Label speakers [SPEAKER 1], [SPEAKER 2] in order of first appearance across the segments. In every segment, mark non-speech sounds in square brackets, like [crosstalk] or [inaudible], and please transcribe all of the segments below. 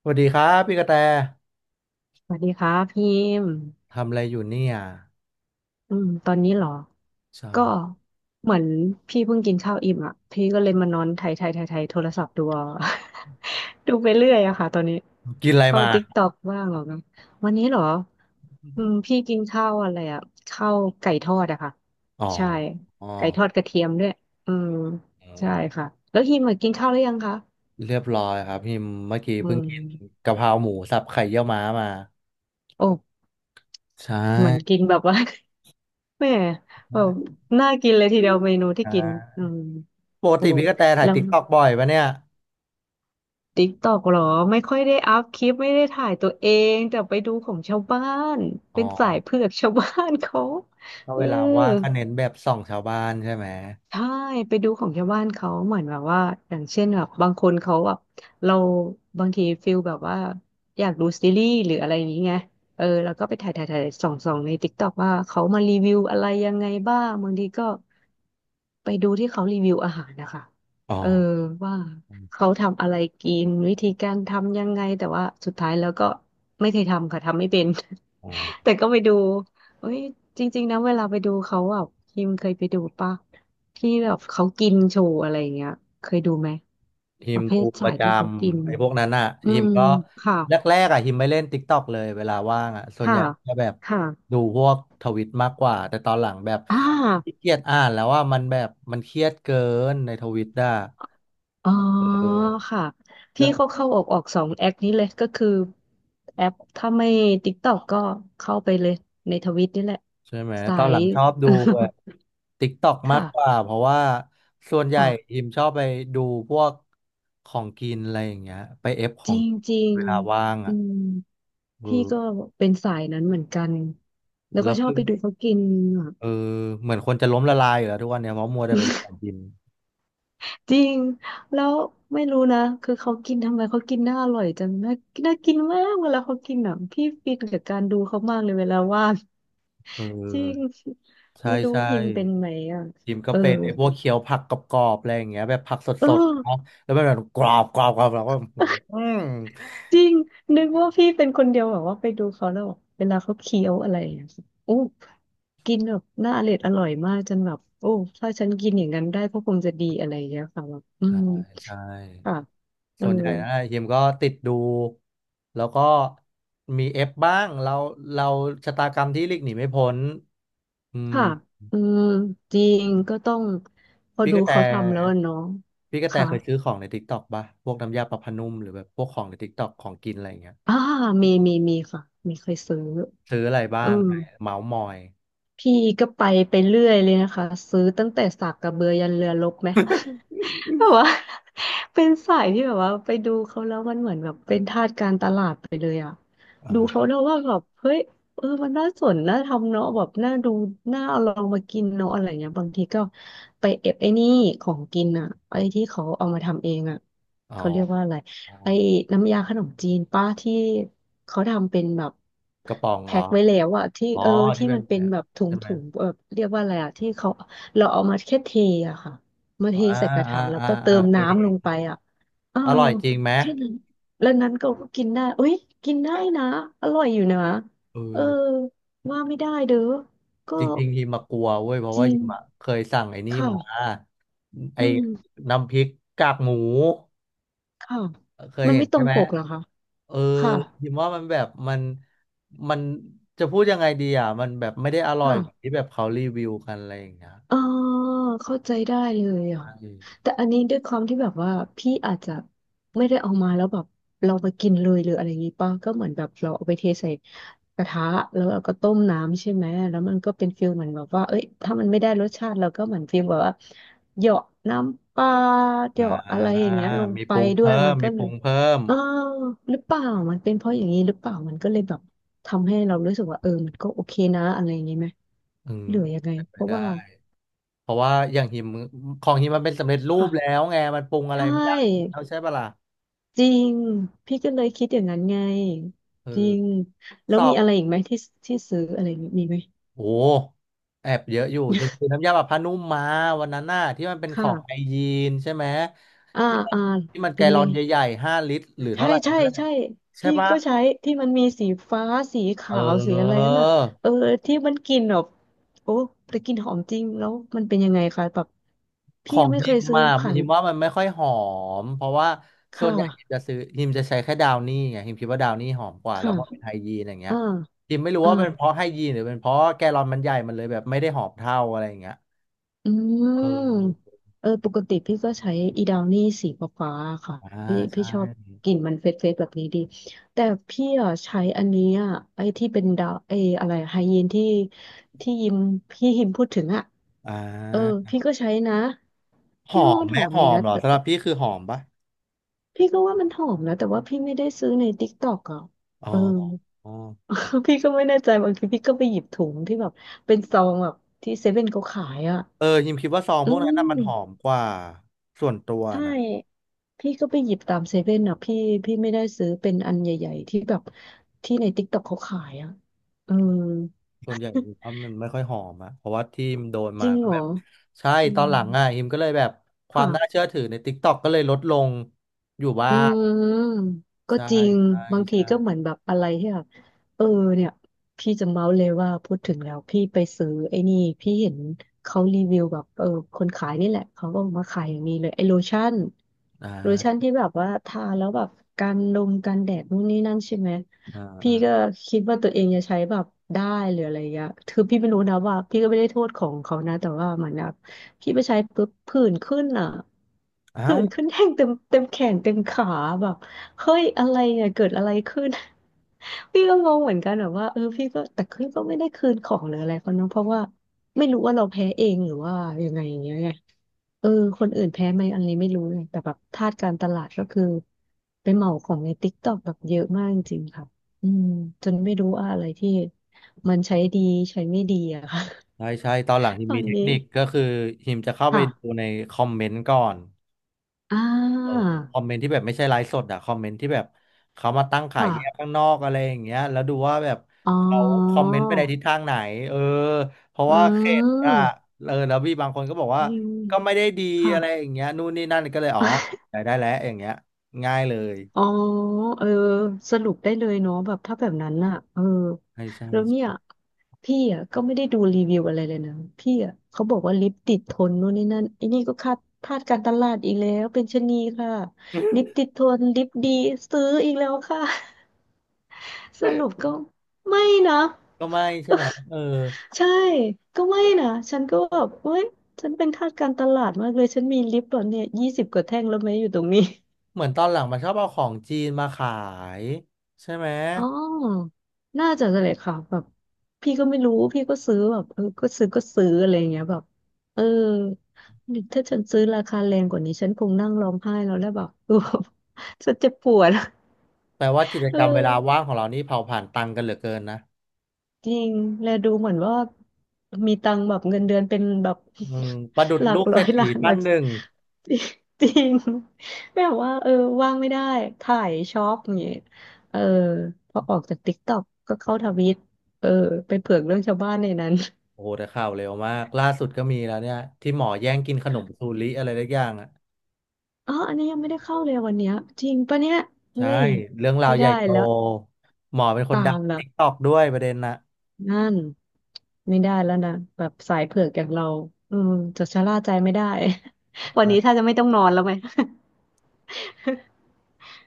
[SPEAKER 1] สวัสดีครับพี่กระแต
[SPEAKER 2] สวัสดีครับพิมพ์
[SPEAKER 1] ทำอะไรอยู่เนี่ย
[SPEAKER 2] ตอนนี้เหรอ
[SPEAKER 1] จะ
[SPEAKER 2] ก็เหมือนพี่เพิ่งกินข้าวอิ่มอ่ะพี่ก็เลยมานอนไถไถไถไถโทรศัพท์ดูเอา [laughs] ดูไปเรื่อยอะค่ะตอนนี้
[SPEAKER 1] กินอะไร
[SPEAKER 2] เข้า
[SPEAKER 1] มา
[SPEAKER 2] ติ๊กต็อกบ้างเหรอนะวันนี้เหรอพี่กินข้าวอะไรอ่ะข้าวไก่ทอดอะค่ะ
[SPEAKER 1] อ๋อ
[SPEAKER 2] ใช่
[SPEAKER 1] อ๋อ
[SPEAKER 2] ไก่ทอดกระเทียมด้วยอืม
[SPEAKER 1] เอ
[SPEAKER 2] ใช่
[SPEAKER 1] อ
[SPEAKER 2] ค่ะแล้วฮิมอะกินข้าวหรือยังคะ
[SPEAKER 1] เรียบร้อยครับพี่เมื่อกี้
[SPEAKER 2] อื
[SPEAKER 1] เพิ่งกิน
[SPEAKER 2] ม
[SPEAKER 1] กะเพราหมูสับไข่เยี่ยวม้ามา
[SPEAKER 2] โอ้
[SPEAKER 1] ใช
[SPEAKER 2] เหมือน
[SPEAKER 1] ่
[SPEAKER 2] กินแบบว่า [laughs] แม่แบบน่ากินเลยทีเดียวเมนูที่
[SPEAKER 1] อ่
[SPEAKER 2] กิน
[SPEAKER 1] า
[SPEAKER 2] อืม
[SPEAKER 1] ปก
[SPEAKER 2] โอ้
[SPEAKER 1] ติ
[SPEAKER 2] ย
[SPEAKER 1] พี่กระแตถ่าย
[SPEAKER 2] แล้ว
[SPEAKER 1] ติ๊กต็อกบ่อยปะเนี่ย
[SPEAKER 2] ติ๊กตอกหรอไม่ค่อยได้อัพคลิปไม่ได้ถ่ายตัวเองแต่ไปดูของชาวบ้าน
[SPEAKER 1] อ๋อ
[SPEAKER 2] เป็นสายเผือก [laughs] ชาวบ้านเขา
[SPEAKER 1] ถ้า
[SPEAKER 2] เออ
[SPEAKER 1] เวลาว่างก็เน้นแบบส่องชาวบ้านใช่ไหม
[SPEAKER 2] ใช่ไปดูของชาวบ้านเขาเหมือนแบบว่าอย่างเช่นแบบบางคนเขาแบบเราบางทีฟิลแบบว่าอยากดูซีรีส์หรืออะไรอย่างนี้ไงเออแล้วก็ไปถ่ายส่องในติ๊กต็อกว่าเขามารีวิวอะไรยังไงบ้างบางทีก็ไปดูที่เขารีวิวอาหารนะคะ
[SPEAKER 1] อ๋อ
[SPEAKER 2] เออว่าเขาทำอะไรกินวิธีการทำยังไงแต่ว่าสุดท้ายแล้วก็ไม่เคยทำค่ะทำไม่เป็น
[SPEAKER 1] อ๋อ
[SPEAKER 2] [laughs] แต่ก็ไปดูเอ้ยจริงๆนะเวลาไปดูเขาแบบพิมเคยไปดูปะ ที่แบบเขากินโชว์อะไรอย่างเงี้ยเคยดูไหม
[SPEAKER 1] ฮิ
[SPEAKER 2] ป
[SPEAKER 1] ม
[SPEAKER 2] ระเภ
[SPEAKER 1] ดู
[SPEAKER 2] ท
[SPEAKER 1] ป
[SPEAKER 2] สา
[SPEAKER 1] ระ
[SPEAKER 2] ย
[SPEAKER 1] จ
[SPEAKER 2] ที่เขากิน
[SPEAKER 1] ำไอ้พวกนั้นอ่ะ
[SPEAKER 2] อื
[SPEAKER 1] ฮิม
[SPEAKER 2] ม
[SPEAKER 1] ก็
[SPEAKER 2] ค่ะ
[SPEAKER 1] แรกๆอ่ะฮิมไม่เล่น t ิ k กต k อกเลยเวลาว่างอ่ะส่วน
[SPEAKER 2] ค่ะ
[SPEAKER 1] ใหญ่ก็แบบ
[SPEAKER 2] ค่ะ
[SPEAKER 1] ดูพวกทวิตมากกว่าแต่ตอนหลังแบบ
[SPEAKER 2] อ่
[SPEAKER 1] ขี้
[SPEAKER 2] า
[SPEAKER 1] เกียจอ่านแล้วว่ามันแบบมันเครียดเกินในทวิตอ่ะ
[SPEAKER 2] อ๋อ
[SPEAKER 1] เออ
[SPEAKER 2] ค่ะ
[SPEAKER 1] ก็
[SPEAKER 2] พี่เขาเข้าออกสองแอคนี้เลยก็คือแอปถ้าไม่ติกตอกก็เข้าไปเลยในทวิตนี่แหละ
[SPEAKER 1] ใช่ไหม
[SPEAKER 2] สา
[SPEAKER 1] ตอนห
[SPEAKER 2] ย
[SPEAKER 1] ลังชอบดู
[SPEAKER 2] [laughs]
[SPEAKER 1] แบบ t ิ k กตอกมาก
[SPEAKER 2] ค่ะ
[SPEAKER 1] กว่าเพราะว่าส่วนใหญ่
[SPEAKER 2] ค่ะ
[SPEAKER 1] ฮิมชอบไปดูพวกของกินอะไรอย่างเงี้ยไปเอฟข
[SPEAKER 2] จ
[SPEAKER 1] อง
[SPEAKER 2] ริง
[SPEAKER 1] กิน
[SPEAKER 2] จริง
[SPEAKER 1] เวลาว่าง
[SPEAKER 2] อื
[SPEAKER 1] อ่ะ
[SPEAKER 2] ม
[SPEAKER 1] เอ
[SPEAKER 2] พี่
[SPEAKER 1] อ
[SPEAKER 2] ก็เป็นสายนั้นเหมือนกันแล้วก็
[SPEAKER 1] แล้ว
[SPEAKER 2] ชอบ
[SPEAKER 1] คือ
[SPEAKER 2] ไปดูเขากินอ่ะ
[SPEAKER 1] เออเหมือนคนจะล้มละลายอยู่แล้วทุกวันเนี่ยเพราะมัวแต่ไปดูของกิน
[SPEAKER 2] จริง แล้วไม่รู้นะคือเขากินทำไมเขากินน่าอร่อยจังน่าน่ากินมากเวลาเขากินอ่ะพี่ฟินกับการดูเขามากเลยเวลาว่าง
[SPEAKER 1] เออ
[SPEAKER 2] จริง
[SPEAKER 1] ใช่
[SPEAKER 2] ไม่รู้
[SPEAKER 1] ใช่
[SPEAKER 2] พิมเป็นไหมอ่ะ
[SPEAKER 1] จิมก็
[SPEAKER 2] เออ
[SPEAKER 1] เป็นไอ้พวกเคี้ยวผักกรอบๆอะไรอย่างเงี้ยแบบผักส
[SPEAKER 2] เอ
[SPEAKER 1] ดๆเนาะ
[SPEAKER 2] อ
[SPEAKER 1] แล้วมันแบบกรอบแล้วก็อือหื
[SPEAKER 2] [laughs]
[SPEAKER 1] อ
[SPEAKER 2] จริงนึกว่าพี่เป็นคนเดียวแบบว่าไปดูเขาแล้วแบบเวลาเขาเคี้ยวอะไรอะอู้กินแบบน่าอร่อยอร่อยมากจนแบบโอ้ถ้าฉันกินอย่างนั้นได้ก็คงจะดีอะไรอย่างเงี้ยค่ะแบบอื
[SPEAKER 1] ใช่
[SPEAKER 2] ม
[SPEAKER 1] ใช่
[SPEAKER 2] ค่ะเออ
[SPEAKER 1] ส่วนใหญ่นะจิมก็ติดดูแล้วก็มีเอฟบ้างเราชะตากรรมที่หลีกหนีไม่พ้นอืม
[SPEAKER 2] ค่ะอืมจริงก็ต้องพอ
[SPEAKER 1] พี่
[SPEAKER 2] ดู
[SPEAKER 1] กระแต
[SPEAKER 2] เขาทำแล้วอะเนาะ
[SPEAKER 1] พี่กระแต
[SPEAKER 2] ค่ะ
[SPEAKER 1] เคยซื้อของใน t ิ k กต k อกป่ะพวกน้ำยาปรับผ้านุ่มหรือแบบพวกของใน t ิ k กต็อกของกินอะไรอย่างเงี้ย
[SPEAKER 2] อ่ามีค่ะมีเคยซื้อ
[SPEAKER 1] ซื้ออะไร
[SPEAKER 2] อื
[SPEAKER 1] บ้าง
[SPEAKER 2] ม
[SPEAKER 1] ไหนเมาส์มอย
[SPEAKER 2] พี่ก็ไปเรื่อยเลยนะคะ ซื้อตั้งแต่สากกระเบือยันเรือรบไหม แบบว่า [laughs] เป็นสายที่แบบว่าไปดูเขาแล้วมันเหมือนแบบเป็นทาสการตลาดไปเลยอ่ะดูเขา
[SPEAKER 1] อ่า
[SPEAKER 2] แล้วว่าแบบเฮ้ยเออมันน่าสนน่าทำเนาะแบบน่าดูน่าเอาลองมากินเนาะอะไรเงี้ยบางทีก็ไปเอฟไอ้นี่ของกินอ่ะไอ้ที่เขาเอามาทำเองอ่ะ
[SPEAKER 1] อ๋อ
[SPEAKER 2] เขาเรียกว่าอะไรไอ้น้ำยาขนมจีนป้าที่เขาทำเป็นแบบ
[SPEAKER 1] กระป๋องเหร
[SPEAKER 2] แพ็
[SPEAKER 1] อ
[SPEAKER 2] คไว้แล้วอะที่
[SPEAKER 1] อ๋อ
[SPEAKER 2] เออ
[SPEAKER 1] ที่
[SPEAKER 2] ที่
[SPEAKER 1] เป็น
[SPEAKER 2] มันเป็นแบบ
[SPEAKER 1] ใช่ไหม
[SPEAKER 2] ถุงแบบเรียกว่าอะไรอะที่เขาเราเอามาแค่เทอะค่ะ มาเท
[SPEAKER 1] อา
[SPEAKER 2] ใส่กระ
[SPEAKER 1] อ่า
[SPEAKER 2] ถางแล้ว
[SPEAKER 1] อ่า
[SPEAKER 2] ก็เติ
[SPEAKER 1] อ่า
[SPEAKER 2] ม
[SPEAKER 1] เคย
[SPEAKER 2] น้ำล
[SPEAKER 1] เห็
[SPEAKER 2] ง
[SPEAKER 1] น
[SPEAKER 2] ไปอ่ะเออ
[SPEAKER 1] อร่อยจริงไหม
[SPEAKER 2] แค่นั้น แล้วนั้นก็กินได้เอ้ยกินได้นะอร่อยอยู่นะ
[SPEAKER 1] เอ
[SPEAKER 2] เออ
[SPEAKER 1] อ
[SPEAKER 2] ว่าไม่ได้เด้อก็
[SPEAKER 1] จริงๆฮิมากลัวเว้ยเพราะ
[SPEAKER 2] จ
[SPEAKER 1] ว่า
[SPEAKER 2] ริง
[SPEAKER 1] ฮิมอะเคยสั่งไอ้นี่มา
[SPEAKER 2] ค่ะ
[SPEAKER 1] ไอ้
[SPEAKER 2] อืม
[SPEAKER 1] น้ำพริกกากหมู
[SPEAKER 2] ค่ะ
[SPEAKER 1] เคย
[SPEAKER 2] มัน
[SPEAKER 1] เห็
[SPEAKER 2] ไม่
[SPEAKER 1] น
[SPEAKER 2] ตร
[SPEAKER 1] ใช่
[SPEAKER 2] ง
[SPEAKER 1] ไหม
[SPEAKER 2] ปกเหรอคะ
[SPEAKER 1] เออ
[SPEAKER 2] ค่ะ
[SPEAKER 1] ฮิมว่ามันแบบมันมันจะพูดยังไงดีอ่ะมันแบบไม่ได้อร่อย
[SPEAKER 2] ค่ะ
[SPEAKER 1] แบบที่แบบเขารีวิวกันอะไรอย่างเงี้ย
[SPEAKER 2] เออเข้าใจได้เลยอ่ะแต่อันนี้ด้วยความที่แบบว่าพี่อาจจะไม่ได้เอามาแล้วแบบเราไปกินเลยหรืออะไรอย่างงี้ป่ะก็เหมือนแบบเราเอาไปเทใส่กระทะแล้วเราก็ต้มน้ำใช่ไหมแล้วมันก็เป็นฟิลเหมือนแบบว่าเอ้ยถ้ามันไม่ได้รสชาติเราก็เหมือนฟิลแบบว่าเหยาะน้ำปลาเห
[SPEAKER 1] อ่
[SPEAKER 2] ยาะอะไร
[SPEAKER 1] า
[SPEAKER 2] อย่างเงี้ยลง
[SPEAKER 1] มี
[SPEAKER 2] ไป
[SPEAKER 1] ปรุง
[SPEAKER 2] ด้วย
[SPEAKER 1] เพิ่
[SPEAKER 2] มั
[SPEAKER 1] ม
[SPEAKER 2] นก็
[SPEAKER 1] มีป
[SPEAKER 2] เล
[SPEAKER 1] รุ
[SPEAKER 2] ย
[SPEAKER 1] งเพิ่ม
[SPEAKER 2] เออหรือเปล่ามันเป็นเพราะอย่างนี้หรือเปล่ามันก็เลยแบบทำให้เรารู้สึกว่าเออมันก็โอเคนะอะไรอย่างงี้ไหม
[SPEAKER 1] อืม
[SPEAKER 2] หรือยังไง
[SPEAKER 1] เป็นไป
[SPEAKER 2] เพราะว่า
[SPEAKER 1] ได้เพราะว่าอย่างหิมของหิมมันเป็นสำเร็จรูปแล้
[SPEAKER 2] ค่ะ
[SPEAKER 1] วไงมันปรุง
[SPEAKER 2] ใช
[SPEAKER 1] อะไรไม่ได้
[SPEAKER 2] ่
[SPEAKER 1] แล้วใช่ปะล่ะ
[SPEAKER 2] จริงพี่ก็เลยคิดอย่างนั้นไง
[SPEAKER 1] เอ
[SPEAKER 2] จริ
[SPEAKER 1] อ
[SPEAKER 2] งแล้
[SPEAKER 1] ส
[SPEAKER 2] ว
[SPEAKER 1] อ
[SPEAKER 2] มี
[SPEAKER 1] บ
[SPEAKER 2] อะไรอีกไหมที่ที่ซื้ออะไรอย่างงี้มีไหม
[SPEAKER 1] โอ้แอบเยอะอยู่หิมคือน้ำยาปรับผ้านุ่มมาวันนั้นน่ะที่มันเป็นของไอ
[SPEAKER 2] ค่ะ
[SPEAKER 1] ยีนใช่ไหม
[SPEAKER 2] อ่า
[SPEAKER 1] ที่มัน
[SPEAKER 2] อ่า
[SPEAKER 1] ที่มันแก
[SPEAKER 2] เป็น
[SPEAKER 1] ลล
[SPEAKER 2] ไง
[SPEAKER 1] อนใหญ่ๆห้าลิตรหรือ
[SPEAKER 2] ใช่
[SPEAKER 1] เท่าไหร่นั่นแหละ
[SPEAKER 2] ใช่
[SPEAKER 1] ใช่
[SPEAKER 2] พี่
[SPEAKER 1] ปะ
[SPEAKER 2] ก็ใช้ที่มันมีสีฟ้าสี
[SPEAKER 1] เอ
[SPEAKER 2] ขาวสีอะไรนั่นน่ะเออ
[SPEAKER 1] อ
[SPEAKER 2] ที่มันกลินแบบโอ้แต่กลินหอมจริงแล้วมันเป็นยังไงคะแบบ
[SPEAKER 1] ข
[SPEAKER 2] พี่
[SPEAKER 1] อ
[SPEAKER 2] ยั
[SPEAKER 1] ง
[SPEAKER 2] งไม่เค
[SPEAKER 1] ฮิ
[SPEAKER 2] ย
[SPEAKER 1] ม
[SPEAKER 2] ซื้อ
[SPEAKER 1] มา
[SPEAKER 2] ผ่าน
[SPEAKER 1] ฮิมว่ามันไม่ค่อยหอมเพราะว่า
[SPEAKER 2] ค
[SPEAKER 1] ส่วนใหญ่ฮิม
[SPEAKER 2] ่ะ
[SPEAKER 1] จะซื้อฮิมจะใช้แค่ดาวนี่ไงฮิมคิดว่าดาวนี่หอมกว่าแล้
[SPEAKER 2] ค่ะ
[SPEAKER 1] วพอเป็นไฮยีนอย่างเงี้ย
[SPEAKER 2] อ่า
[SPEAKER 1] ฮิมไม่รู้
[SPEAKER 2] อ่า
[SPEAKER 1] ว่าเป็นเพราะไฮยีนหรือเป็นเพราะแกลลอนมันใหญ่มันเลยแบบไม่ได้หอมเท่าอะไรอย่างเงี้ย
[SPEAKER 2] อื
[SPEAKER 1] เอ
[SPEAKER 2] ม
[SPEAKER 1] อ
[SPEAKER 2] เออปกติพี่ก็ใช้อีดาวนี่สีฟ้าๆค่ะ
[SPEAKER 1] อ่า
[SPEAKER 2] พี่
[SPEAKER 1] ใช่
[SPEAKER 2] ชอบกลิ่นมันเฟรชๆแบบนี้ดีแต่พี่อ่ะใช้อันนี้อ่ะไอ้ที่เป็นดาวไอ้อะไรไฮยีนที่ที่ยิมพูดถึงอ่ะ
[SPEAKER 1] อ่
[SPEAKER 2] เออ
[SPEAKER 1] า
[SPEAKER 2] พี่ก็ใช้นะ
[SPEAKER 1] ห
[SPEAKER 2] พี่
[SPEAKER 1] อ
[SPEAKER 2] ก็ว่า
[SPEAKER 1] ม
[SPEAKER 2] มัน
[SPEAKER 1] ไหม
[SPEAKER 2] หอม
[SPEAKER 1] หอ
[SPEAKER 2] ดี
[SPEAKER 1] ม
[SPEAKER 2] นะ
[SPEAKER 1] เหรอ
[SPEAKER 2] แต่
[SPEAKER 1] สำหรับพี่คือหอมปะ
[SPEAKER 2] พี่ก็ว่ามันหอมนะแต่ว่าพี่ไม่ได้ซื้อในติ๊กต็อกอ่ะ
[SPEAKER 1] อ๋อ
[SPEAKER 2] เออ
[SPEAKER 1] อ๋อ
[SPEAKER 2] [laughs] พี่ก็ไม่แน่ใจบางทีพี่ก็ไปหยิบถุงที่แบบเป็นซองแบบที่เซเว่นเขาขายอ่ะ
[SPEAKER 1] เออฮิมคิดว่าซองพ
[SPEAKER 2] อื
[SPEAKER 1] วกนั้นน่ะมันหอม
[SPEAKER 2] ม
[SPEAKER 1] กว่าส่วนตัว
[SPEAKER 2] ใช่
[SPEAKER 1] นะ
[SPEAKER 2] พี่ก็ไปหยิบตามเซเว่นอ่ะพี่พี่ไม่ได้ซื้อเป็นอันใหญ่ๆที่แบบที่ในติ๊กต็อกเขาขายอ่ะเออ
[SPEAKER 1] ส่วนใหญ่อิมว่ามันไม่ค่อยหอมอะเพราะว่าที่มันโดน
[SPEAKER 2] จ
[SPEAKER 1] มา
[SPEAKER 2] ริง
[SPEAKER 1] ก็
[SPEAKER 2] เหร
[SPEAKER 1] แบ
[SPEAKER 2] อ
[SPEAKER 1] บใช่
[SPEAKER 2] อื
[SPEAKER 1] ตอน
[SPEAKER 2] ม
[SPEAKER 1] หลังอ่ะอิมก็เลยแบบความน่า
[SPEAKER 2] ค่ะ
[SPEAKER 1] เชื่อถือใน TikTok ก็เลยลดลงอยู่บ้า
[SPEAKER 2] อื
[SPEAKER 1] ง
[SPEAKER 2] มก็
[SPEAKER 1] ใช่
[SPEAKER 2] จริง
[SPEAKER 1] ใช่
[SPEAKER 2] บางทีก็
[SPEAKER 1] ใช่
[SPEAKER 2] เหมือนแบบอะไรที่แบบเออเนี่ยพี่จะเมาส์เลยว่าพูดถึงแล้วพี่ไปซื้อไอ้นี่พี่เห็นเขารีวิวแบบคนขายนี่แหละเขาก็มาขายอย่างนี้เลยไอ้โลชั่น
[SPEAKER 1] อ่า
[SPEAKER 2] โลชั่นที่แบบว่าทาแล้วแบบกันลมกันแดดนู่นนี่นั่นใช่ไหม
[SPEAKER 1] อ่า
[SPEAKER 2] พี่
[SPEAKER 1] อ่า
[SPEAKER 2] ก็คิดว่าตัวเองจะใช้แบบได้หรืออะไรอย่างเงี้ยคือพี่ไม่รู้นะว่าพี่ก็ไม่ได้โทษของเขานะแต่ว่ามันแบบ พี่ไปใช้ปุ๊บผื่นขึ้นอ่ะ
[SPEAKER 1] เอ้า
[SPEAKER 2] ผื่
[SPEAKER 1] ว
[SPEAKER 2] นขึ้นแห้งเต็มแขนเต็มขาแบบเฮ้ยอะไรเนี่ยเกิดอะไรขึ้น [laughs] พี่ก็งงเหมือนกันแบบว่าพี่ก็แต่พี่ก็ไม่ได้คืนของหรืออะไรเขาเนอะเพราะว่าไม่รู้ว่าเราแพ้เองหรือว่ายังไงอย่างเงี้ยไงเออคนอื่นแพ้ไหมอันนี้ไม่รู้เลยแต่แบบทาสการตลาดก็คือไปเหมาของในติ๊กต็อกแบบเยอะมากจริงๆค่ะอืมจนไม่รู้ว่าอะไรที่มันใช้ดีใช้ไม่ดีอะค่ะ
[SPEAKER 1] ใช่ใช่ตอนหลัง
[SPEAKER 2] [laughs]
[SPEAKER 1] ฮิม
[SPEAKER 2] ตอ
[SPEAKER 1] มี
[SPEAKER 2] น
[SPEAKER 1] เทค
[SPEAKER 2] นี้
[SPEAKER 1] นิคก็คือฮิมจะเข้าไปดู
[SPEAKER 2] ค่ะ
[SPEAKER 1] ในคอมเมนต์ก่อน
[SPEAKER 2] อ่
[SPEAKER 1] เออ
[SPEAKER 2] า
[SPEAKER 1] คอมเมนต์ที่แบบไม่ใช่ไลฟ์สดอะคอมเมนต์ที่แบบเขามาตั้งขาย
[SPEAKER 2] ค่ะ
[SPEAKER 1] แยกข้างนอกอะไรอย่างเงี้ยแล้วดูว่าแบบ
[SPEAKER 2] อ๋อ
[SPEAKER 1] เขาคอมเมนต์ไปในทิศทางไหนเออเพราะ
[SPEAKER 2] อื
[SPEAKER 1] ว่าเขตอะ
[SPEAKER 2] ม
[SPEAKER 1] เออแล้วพี่บางคนก็บอกว่า
[SPEAKER 2] ยิง
[SPEAKER 1] ก็ไม่ได้ดี
[SPEAKER 2] ค่ะ
[SPEAKER 1] อะไรอย่างเงี้ยนู่นนี่นั่นก็เลยอ๋อ
[SPEAKER 2] [laughs]
[SPEAKER 1] ได้ได้แล้วอย่างเงี้ยง่ายเลย
[SPEAKER 2] อ๋อเออสรุปได้เลยเนาะแบบถ้าแบบนั้นน่ะเออ
[SPEAKER 1] ใช่ใช่
[SPEAKER 2] แล้วเนี่ยพี่อ่ะก็ไม่ได้ดูรีวิวอะไรเลยนะพี่อ่ะเขาบอกว่าลิปติดทนนู่นนี่นั่นไอ้นี่ก็คาดพลาดการตลาดอีกแล้วเป็นชะนีค่ะลิปติดทนลิปดีซื้ออีกแล้วค่ะ [laughs] สรุปก็ไม่นะ
[SPEAKER 1] ก็ไม่ใช่ไหมเออ
[SPEAKER 2] ใช่ ก็ไม่นะ ฉันก็แบบเว้ยฉันเป็นทาสการตลาดมากเลย ฉันมีลิปตอนเนี่ยยี่สิบกว่าแท่งแล้วไหมอยู่ตรงนี้
[SPEAKER 1] เหมือนตอนหลังมันชอบเอาของจีนมาขายใช่ไหม
[SPEAKER 2] อ๋อ น่าจะเลยค่ะแบบพี่ก็ไม่รู้ พี่ก็ซื้อแบบก็ซื้ออะไรอย่างเงี้ยแบบเออ ถ้าฉันซื้อราคาแรงกว่านี้ ฉันคงนั่งร้องไห้แล้วแล้วแบบ [laughs] เออฉันเจ็บปวด
[SPEAKER 1] แปลว่ากิจ
[SPEAKER 2] เ
[SPEAKER 1] กรรมเวลา
[SPEAKER 2] ออ
[SPEAKER 1] ว่างของเรานี่เผาผ่านตังค์กันเหลือเกินนะ
[SPEAKER 2] จริง และดูเหมือนว่ามีตังค์แบบเงินเดือนเป็นแบบ
[SPEAKER 1] อืมประดุ
[SPEAKER 2] [laughs]
[SPEAKER 1] จ
[SPEAKER 2] หลัก
[SPEAKER 1] ลูกเศ
[SPEAKER 2] ร้
[SPEAKER 1] ร
[SPEAKER 2] อย
[SPEAKER 1] ษฐี
[SPEAKER 2] ล้านห
[SPEAKER 1] ท่า
[SPEAKER 2] ลั
[SPEAKER 1] น
[SPEAKER 2] ก
[SPEAKER 1] หนึ่ง
[SPEAKER 2] [laughs] จริงแบบว่าเออว่างไม่ได้ถ่ายช็อปอย่างเงี้ยเออพอออกจากติ๊กต็อกก็เข้าทวิตเออไปเผือกเรื่องชาวบ้านในนั้น
[SPEAKER 1] โอ้โหแต่ข่าวเร็วมากล่าสุดก็มีแล้วเนี่ยที่หมอแย่งกินขนมซู
[SPEAKER 2] [laughs]
[SPEAKER 1] ริอะไรสักอย่างอ่ะ
[SPEAKER 2] อ๋ออันนี้ยังไม่ได้เข้าเลยวันเนี้ยจริงปะเนี่ยเฮ้
[SPEAKER 1] ใช่
[SPEAKER 2] ย
[SPEAKER 1] เรื่องราว
[SPEAKER 2] ไม่
[SPEAKER 1] ใหญ่
[SPEAKER 2] ได้
[SPEAKER 1] โต
[SPEAKER 2] แล้ว
[SPEAKER 1] หมอเป็นคน
[SPEAKER 2] ตา
[SPEAKER 1] ดัง
[SPEAKER 2] มละ
[SPEAKER 1] ติกตอกด้วยประเด็นนะ
[SPEAKER 2] นั่นไม่ได้แล้วนะแบบสายเผือกอย่างเราอืมจะชะล่าใจไม่ได้ [laughs] วันนี้
[SPEAKER 1] นะ
[SPEAKER 2] ถ้าจะไม่ต้องนอนแล้วไหม [laughs]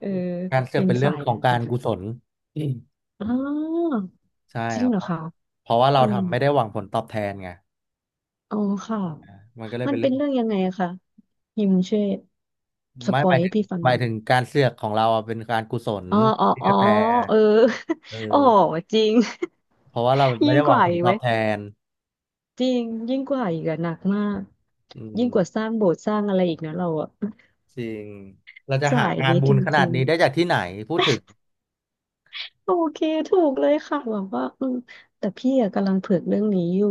[SPEAKER 2] เออ
[SPEAKER 1] การเสือ
[SPEAKER 2] เป็
[SPEAKER 1] ก
[SPEAKER 2] น
[SPEAKER 1] เป็นเรื่
[SPEAKER 2] สา
[SPEAKER 1] อง
[SPEAKER 2] ย
[SPEAKER 1] ขอ
[SPEAKER 2] นั้
[SPEAKER 1] ง
[SPEAKER 2] น
[SPEAKER 1] การกุศลอืม
[SPEAKER 2] อ๋อ
[SPEAKER 1] ใช่
[SPEAKER 2] จริ
[SPEAKER 1] ค
[SPEAKER 2] ง
[SPEAKER 1] รับ
[SPEAKER 2] เหร
[SPEAKER 1] เพ
[SPEAKER 2] อ
[SPEAKER 1] ราะ
[SPEAKER 2] คะ
[SPEAKER 1] เพราะว่าเรา
[SPEAKER 2] อืม
[SPEAKER 1] ทำไม่ได้หวังผลตอบแทนไง
[SPEAKER 2] อ๋อค่ะ
[SPEAKER 1] มันก็เลย
[SPEAKER 2] มัน
[SPEAKER 1] เป็นเรื่
[SPEAKER 2] เป็
[SPEAKER 1] อ
[SPEAKER 2] น
[SPEAKER 1] งขอ
[SPEAKER 2] เรื่อง
[SPEAKER 1] ง
[SPEAKER 2] ยังไงอะคะยิมช่วยส
[SPEAKER 1] ไม่
[SPEAKER 2] ป
[SPEAKER 1] ห
[SPEAKER 2] อย
[SPEAKER 1] มาย
[SPEAKER 2] ให้
[SPEAKER 1] ถึง
[SPEAKER 2] พี่ฟัง
[SPEAKER 1] ห
[SPEAKER 2] หน่
[SPEAKER 1] มา
[SPEAKER 2] อ
[SPEAKER 1] ย
[SPEAKER 2] ย
[SPEAKER 1] ถึงการเสือกของเราอะเป็นการกุศล
[SPEAKER 2] อ๋ออ๋อ
[SPEAKER 1] ที่
[SPEAKER 2] อ๋
[SPEAKER 1] ก
[SPEAKER 2] อ
[SPEAKER 1] ระแต
[SPEAKER 2] เออ
[SPEAKER 1] เอ
[SPEAKER 2] [laughs] โอ้
[SPEAKER 1] อ
[SPEAKER 2] จริง
[SPEAKER 1] เพราะว่าเรา
[SPEAKER 2] [laughs]
[SPEAKER 1] ไม่
[SPEAKER 2] ยิ่ง
[SPEAKER 1] ได้ห
[SPEAKER 2] ก
[SPEAKER 1] วัง
[SPEAKER 2] ว่า
[SPEAKER 1] ผล
[SPEAKER 2] อีก
[SPEAKER 1] ต
[SPEAKER 2] ไห
[SPEAKER 1] อ
[SPEAKER 2] ม
[SPEAKER 1] บแทน
[SPEAKER 2] จริงยิ่งกว่าอีกอะหนักมาก
[SPEAKER 1] อื
[SPEAKER 2] ยิ่งกว่า
[SPEAKER 1] ม
[SPEAKER 2] สร้างโบสถ์สร้างอะไรอีกนะเราอะ
[SPEAKER 1] จริงเราจะ
[SPEAKER 2] [laughs]
[SPEAKER 1] หา
[SPEAKER 2] สาย
[SPEAKER 1] งาน
[SPEAKER 2] นี้
[SPEAKER 1] บุ
[SPEAKER 2] จ
[SPEAKER 1] ญขนาด
[SPEAKER 2] ริง
[SPEAKER 1] นี้ได้จากที่ไหนพูดถึง
[SPEAKER 2] โอเคถูกเลยค่ะแบบว่าอืมแต่พี่อะกำลังเผือกเรื่องนี้อยู่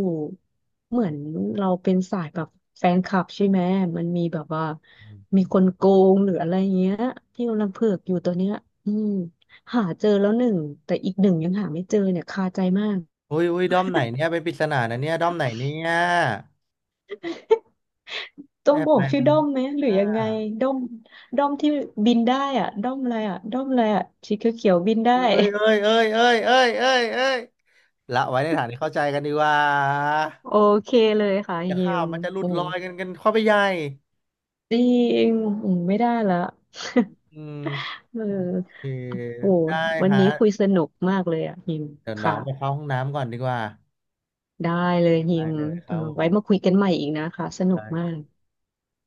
[SPEAKER 2] เหมือนเราเป็นสายแบบแฟนคลับใช่ไหมมันมีแบบว่ามีคนโกงหรืออะไรเงี้ยที่กำลังเผือกอยู่ตัวเนี้ยอืมหาเจอแล้วหนึ่งแต่อีกหนึ่งยังหาไม่เจอเนี่ยคาใจมาก
[SPEAKER 1] อุ้ยอุ้ยด้อมไหนเนี่ยเป็นปริศนานะเนี่ยด้อมไหนเนี่ย
[SPEAKER 2] ต้อ
[SPEAKER 1] แอ
[SPEAKER 2] ง
[SPEAKER 1] บ
[SPEAKER 2] บอ
[SPEAKER 1] ไป
[SPEAKER 2] กชื่อ
[SPEAKER 1] เป็น
[SPEAKER 2] ด้อมไหมหรือ
[SPEAKER 1] อ่า
[SPEAKER 2] ยังไงด้อมด้อมที่บินได้อ่ะด้อมอะไรอ่ะด้อมอะไรอ่ะสีเขียวๆบินได้
[SPEAKER 1] เอ้ยเอ้ยเอ้ยเอ้ยเอ้ยเอ้ยเอ้ยละไว้ในฐานที่เข้าใจกันดีกว่า
[SPEAKER 2] [laughs] โอเคเลยค่ะ
[SPEAKER 1] จะ
[SPEAKER 2] ฮิ
[SPEAKER 1] ข้าว
[SPEAKER 2] ม
[SPEAKER 1] มันจะหลุ
[SPEAKER 2] โอ้
[SPEAKER 1] ดลอยกันเข้าไปใหญ่
[SPEAKER 2] จริงอืมไม่ได้ละ
[SPEAKER 1] อืม
[SPEAKER 2] [laughs] เออ
[SPEAKER 1] โอเค
[SPEAKER 2] โอ้
[SPEAKER 1] ได้
[SPEAKER 2] วัน
[SPEAKER 1] ฮะ
[SPEAKER 2] นี้คุยสนุกมากเลยอ่ะฮิม
[SPEAKER 1] เดี๋ยวน้อ
[SPEAKER 2] ค่ะ
[SPEAKER 1] งไปเข้าห้องน้ำก่อนดีกว่า
[SPEAKER 2] ได้เลยฮิ
[SPEAKER 1] ได้
[SPEAKER 2] ม
[SPEAKER 1] เลยค
[SPEAKER 2] เออ
[SPEAKER 1] รับผ
[SPEAKER 2] ไว้
[SPEAKER 1] ม
[SPEAKER 2] มาคุยกันใหม่อีกนะคะสนุกมาก